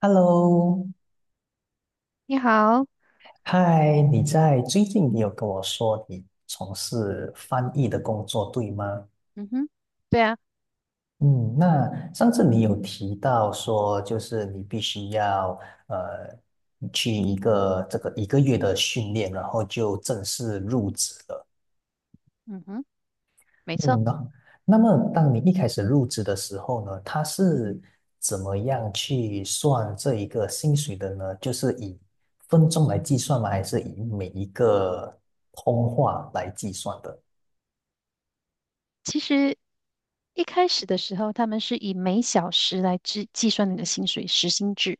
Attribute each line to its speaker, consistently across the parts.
Speaker 1: Hello，
Speaker 2: 你好。
Speaker 1: 嗨，你在最近你有跟我说你从事翻译的工作，对吗？
Speaker 2: 嗯哼。对啊。
Speaker 1: 嗯，那上次你有提到说，就是你必须要呃去这个1个月的训练，然后就正式入职了。
Speaker 2: 嗯哼。没错。
Speaker 1: 嗯，那么当你一开始入职的时候呢，他是怎么样去算这一个薪水的呢？就是以分钟来计算吗？还是以每一个通话来计算的？
Speaker 2: 其实一开始的时候，他们是以每小时来计算你的薪水，时薪制。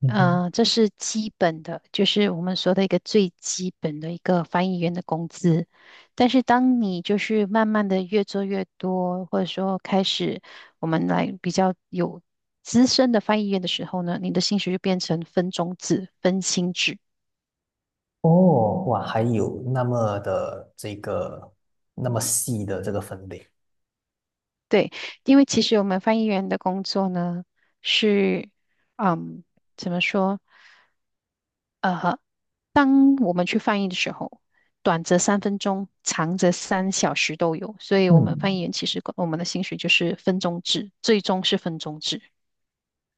Speaker 1: 嗯哼，
Speaker 2: 这是基本的，就是我们说的一个最基本的一个翻译员的工资。但是当你就是慢慢的越做越多，或者说开始我们来比较有资深的翻译员的时候呢，你的薪水就变成分钟制、分薪制。
Speaker 1: 哦，哇，还有那么细的这个分类。
Speaker 2: 对。因为其实我们翻译员的工作呢，是，嗯，怎么说？呃，当我们去翻译的时候，短则3分钟，长则3小时都有。所以，我们翻译
Speaker 1: 嗯。
Speaker 2: 员其实我们的薪水就是分钟制，最终是分钟制。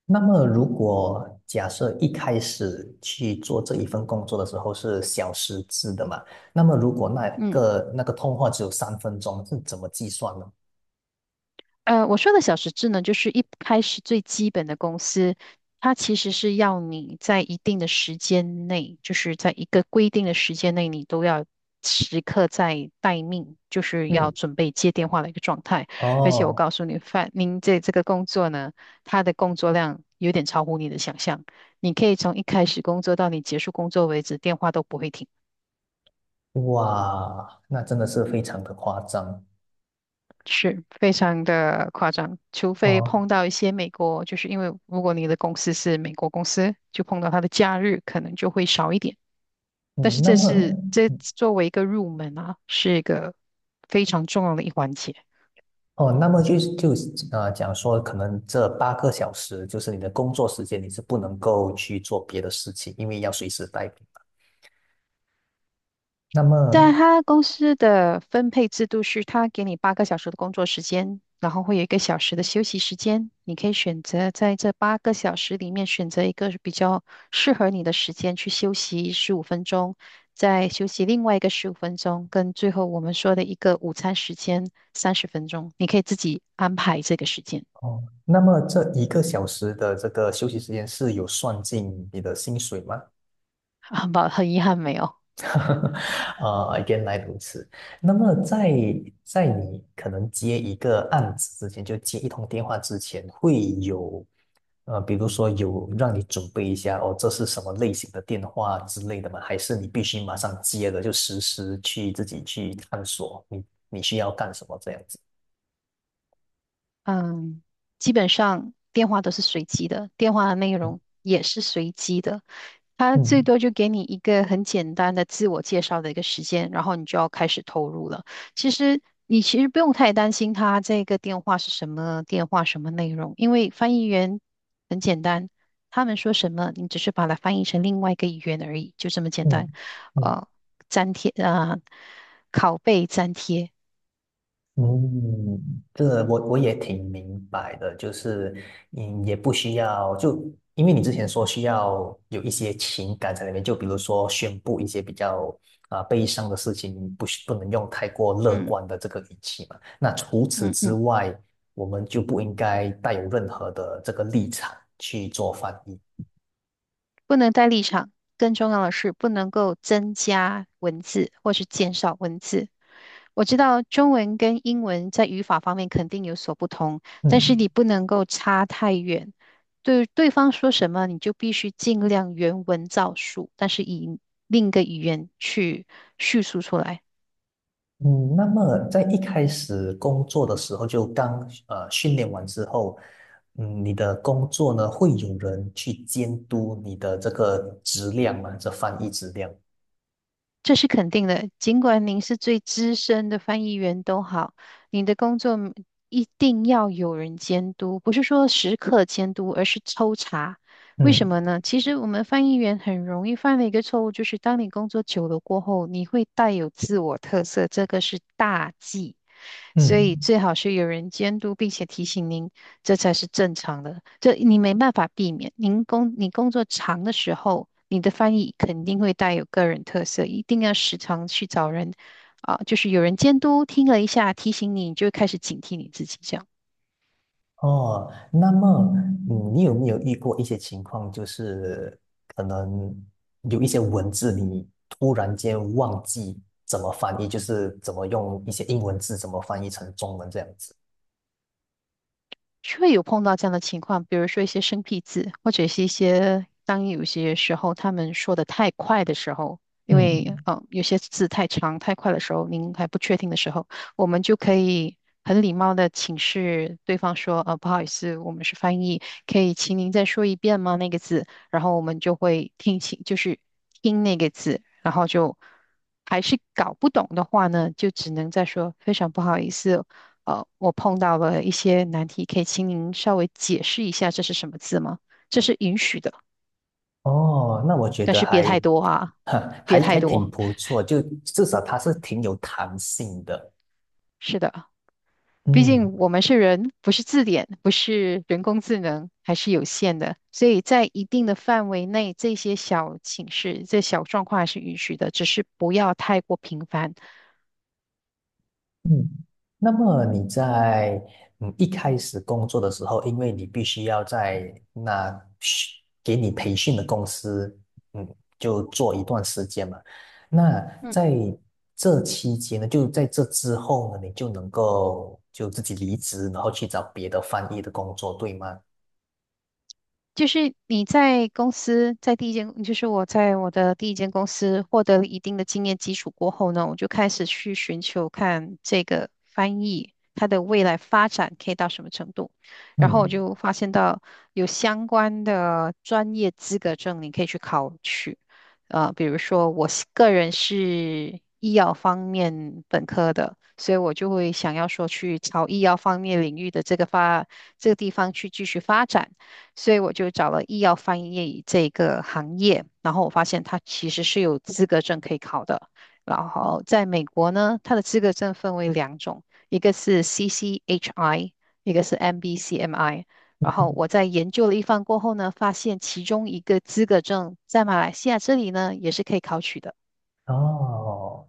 Speaker 1: 那么，如果假设一开始去做这一份工作的时候是小时制的嘛，那么如果那
Speaker 2: 嗯。
Speaker 1: 个那个通话只有3分钟，是怎么计算呢？
Speaker 2: 我说的小时制呢，就是一开始最基本的公司，它其实是要你在一定的时间内，就是在一个规定的时间内，你都要时刻在待命，就是要
Speaker 1: 嗯，
Speaker 2: 准备接电话的一个状态。而且我
Speaker 1: 哦，
Speaker 2: 告诉你，范，您这个工作呢，它的工作量有点超乎你的想象，你可以从一开始工作到你结束工作为止，电话都不会停。
Speaker 1: 哇，那真的是非常的夸张
Speaker 2: 是非常的夸张，除非碰
Speaker 1: 哦。
Speaker 2: 到一些美国，就是因为如果你的公司是美国公司，就碰到它的假日可能就会少一点。但
Speaker 1: 嗯，
Speaker 2: 是
Speaker 1: 那
Speaker 2: 这
Speaker 1: 么，
Speaker 2: 是这作为一个入门啊，是一个非常重要的一环节。
Speaker 1: 哦，那么就是讲说，可能这8个小时就是你的工作时间，你是不能够去做别的事情，因为要随时待命。那么，
Speaker 2: 但他公司的分配制度是，他给你八个小时的工作时间，然后会有一个小时的休息时间。你可以选择在这八个小时里面选择一个比较适合你的时间去休息十五分钟，再休息另外一个十五分钟，跟最后我们说的一个午餐时间30分钟，你可以自己安排这个时间。
Speaker 1: 哦，那么这1个小时的这个休息时间是有算进你的薪水吗？
Speaker 2: 很遗憾没有。
Speaker 1: 原来如此。那么在你可能接一个案子之前，就接一通电话之前，会有比如说有让你准备一下哦，这是什么类型的电话之类的吗？还是你必须马上接了就实时去自己去探索你需要干什么这样子？
Speaker 2: 嗯，基本上电话都是随机的，电话的内
Speaker 1: 嗯
Speaker 2: 容也是随机的。他最
Speaker 1: 嗯
Speaker 2: 多就给你一个很简单的自我介绍的一个时间，然后你就要开始投入了。其实不用太担心他这个电话是什么电话，什么内容，因为翻译员很简单，他们说什么，你只是把它翻译成另外一个语言而已，就这么简单。
Speaker 1: 嗯嗯。
Speaker 2: 呃，粘贴啊，拷贝粘贴。
Speaker 1: 嗯，这我也挺明白的，就是嗯，也不需要因为你之前说需要有一些情感在里面，就比如说宣布一些比较悲伤的事情，不能用太过乐
Speaker 2: 嗯
Speaker 1: 观的这个语气嘛。那除此
Speaker 2: 嗯
Speaker 1: 之
Speaker 2: 嗯。
Speaker 1: 外，我们就不应该带有任何的这个立场去做翻译。
Speaker 2: 不能带立场，更重要的是不能够增加文字或是减少文字。我知道中文跟英文在语法方面肯定有所不同，但是
Speaker 1: 嗯。
Speaker 2: 你不能够差太远。对对方说什么，你就必须尽量原文照述，但是以另一个语言去叙述出来。
Speaker 1: 嗯，那么在一开始工作的时候，就刚训练完之后，嗯，你的工作呢，会有人去监督你的这个质量吗？这翻译质量？
Speaker 2: 这是肯定的，尽管您是最资深的翻译员都好，你的工作一定要有人监督，不是说时刻监督，而是抽查。为什
Speaker 1: 嗯
Speaker 2: 么呢？其实我们翻译员很容易犯的一个错误，就是当你工作久了过后，你会带有自我特色，这个是大忌。所以
Speaker 1: 嗯
Speaker 2: 最好是有人监督，并且提醒您，这才是正常的。这你没办法避免。你工作长的时候，你的翻译肯定会带有个人特色，一定要时常去找人啊，就是有人监督，听了一下提醒你，你就会开始警惕你自己这样。
Speaker 1: 哦，那么你有没有遇过一些情况，就是可能有一些文字你突然间忘记怎么翻译，就是怎么用一些英文字怎么翻译成中文这样子？
Speaker 2: 会有碰到这样的情况，比如说一些生僻字，或者是一些当有些时候他们说的太快的时候，因为
Speaker 1: 嗯
Speaker 2: 有些字太长太快的时候，您还不确定的时候，我们就可以很礼貌的请示对方说，不好意思，我们是翻译，可以请您再说一遍吗？那个字，然后我们就会听清，就是听那个字，然后就还是搞不懂的话呢，就只能再说非常不好意思。我碰到了一些难题，可以请您稍微解释一下这是什么字吗？这是允许的，
Speaker 1: 哦，那我觉
Speaker 2: 但
Speaker 1: 得
Speaker 2: 是别
Speaker 1: 还
Speaker 2: 太多啊，别
Speaker 1: 还
Speaker 2: 太
Speaker 1: 还挺
Speaker 2: 多。
Speaker 1: 不错，就至少它是挺有弹性的。
Speaker 2: 是的，毕
Speaker 1: 嗯
Speaker 2: 竟我们是人，不是字典，不是人工智能，还是有限的。所以在一定的范围内，这些小请示、这小状况还是允许的，只是不要太过频繁。
Speaker 1: 嗯，那么你在一开始工作的时候，因为你必须要在那训给你培训的公司，嗯，就做一段时间嘛。那
Speaker 2: 嗯。
Speaker 1: 在这期间呢，就在这之后呢，你就能够就自己离职，然后去找别的翻译的工作，对吗？
Speaker 2: 就是你在公司，在第一间，就是我在我的第一间公司获得了一定的经验基础过后呢，我就开始去寻求看这个翻译它的未来发展可以到什么程度。然后我
Speaker 1: 嗯。
Speaker 2: 就发现到有相关的专业资格证，你可以去考取。比如说我是个人是医药方面本科的，所以我就会想要说去朝医药方面领域的这个发这个地方去继续发展。所以我就找了医药翻译这个行业，然后我发现它其实是有资格证可以考的。然后在美国呢，它的资格证分为两种，一个是 CCHI，一个是 MBCMI。然后
Speaker 1: 嗯
Speaker 2: 我在研究了一番过后呢，发现其中一个资格证在马来西亚这里呢也是可以考取的。
Speaker 1: 哦，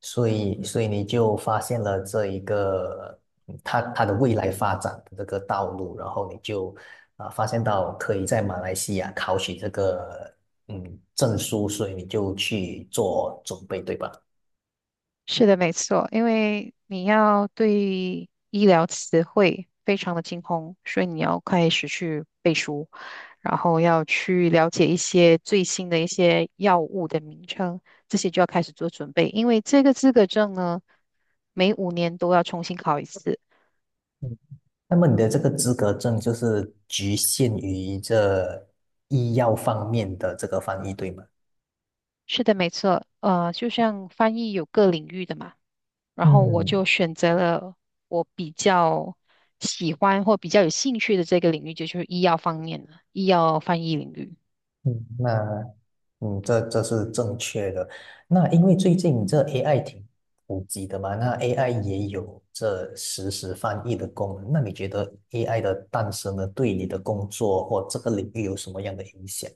Speaker 1: 所以你就发现了这一个它的未来发展的这个道路，然后你就发现到可以在马来西亚考取这个证书，所以你就去做准备，对吧？
Speaker 2: 是的，没错，因为你要对医疗词汇非常的精通，所以你要开始去背书，然后要去了解一些最新的一些药物的名称，这些就要开始做准备，因为这个资格证呢，每5年都要重新考一次。
Speaker 1: 嗯，那么你的这个资格证就是局限于这医药方面的这个翻译，对吗？
Speaker 2: 是的，没错，就像翻译有各领域的嘛。然后我
Speaker 1: 嗯
Speaker 2: 就选择了我比较喜欢或比较有兴趣的这个领域，就是医药方面的医药翻译领域。
Speaker 1: 嗯，那这是正确的。那因为最近这 AI 挺普及的嘛，那 AI 也有这实时翻译的功能。那你觉得 AI 的诞生呢，对你的工作或这个领域有什么样的影响？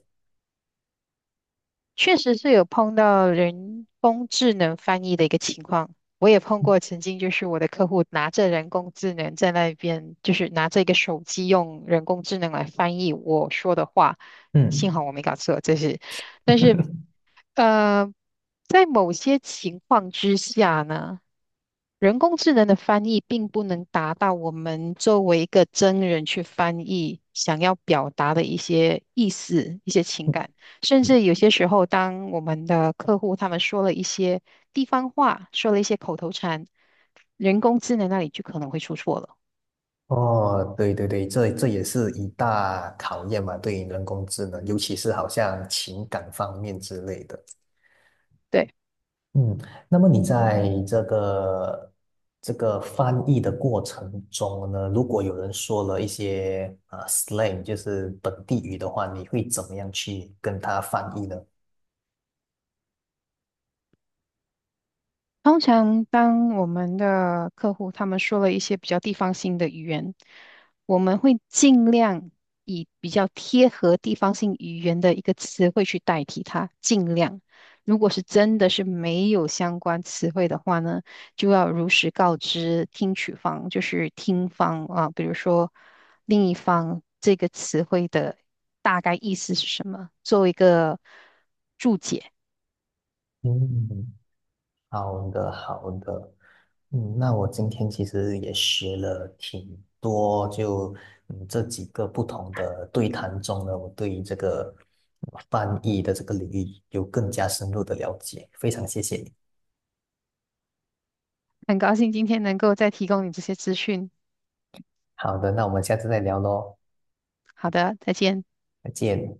Speaker 2: 确实是有碰到人工智能翻译的一个情况。我也碰过，曾经就是我的客户拿着人工智能在那边，就是拿着一个手机用人工智能来翻译我说的话，幸好
Speaker 1: 嗯，
Speaker 2: 我没搞错，这是，但是，呃，在某些情况之下呢。人工智能的翻译并不能达到我们作为一个真人去翻译想要表达的一些意思、一些情感，甚至有些时候，当我们的客户他们说了一些地方话，说了一些口头禅，人工智能那里就可能会出错了。
Speaker 1: 哦，对对对，这也是一大考验嘛，对于人工智能，尤其是好像情感方面之类的。
Speaker 2: 对。
Speaker 1: 嗯，那么你在这个翻译的过程中呢，如果有人说了一些slang，就是本地语的话，你会怎么样去跟他翻译呢？
Speaker 2: 通常，当我们的客户他们说了一些比较地方性的语言，我们会尽量以比较贴合地方性语言的一个词汇去代替它。尽量，如果是真的是没有相关词汇的话呢，就要如实告知听取方，就是听方啊，比如说另一方这个词汇的大概意思是什么，做一个注解。
Speaker 1: 嗯，好的，好的。嗯，那我今天其实也学了挺多，就这几个不同的对谈中呢，我对于这个翻译的这个领域有更加深入的了解，非常谢谢你。
Speaker 2: 很高兴今天能够再提供你这些资讯。
Speaker 1: 好的，那我们下次再聊喽。
Speaker 2: 好的，再见。
Speaker 1: 再见。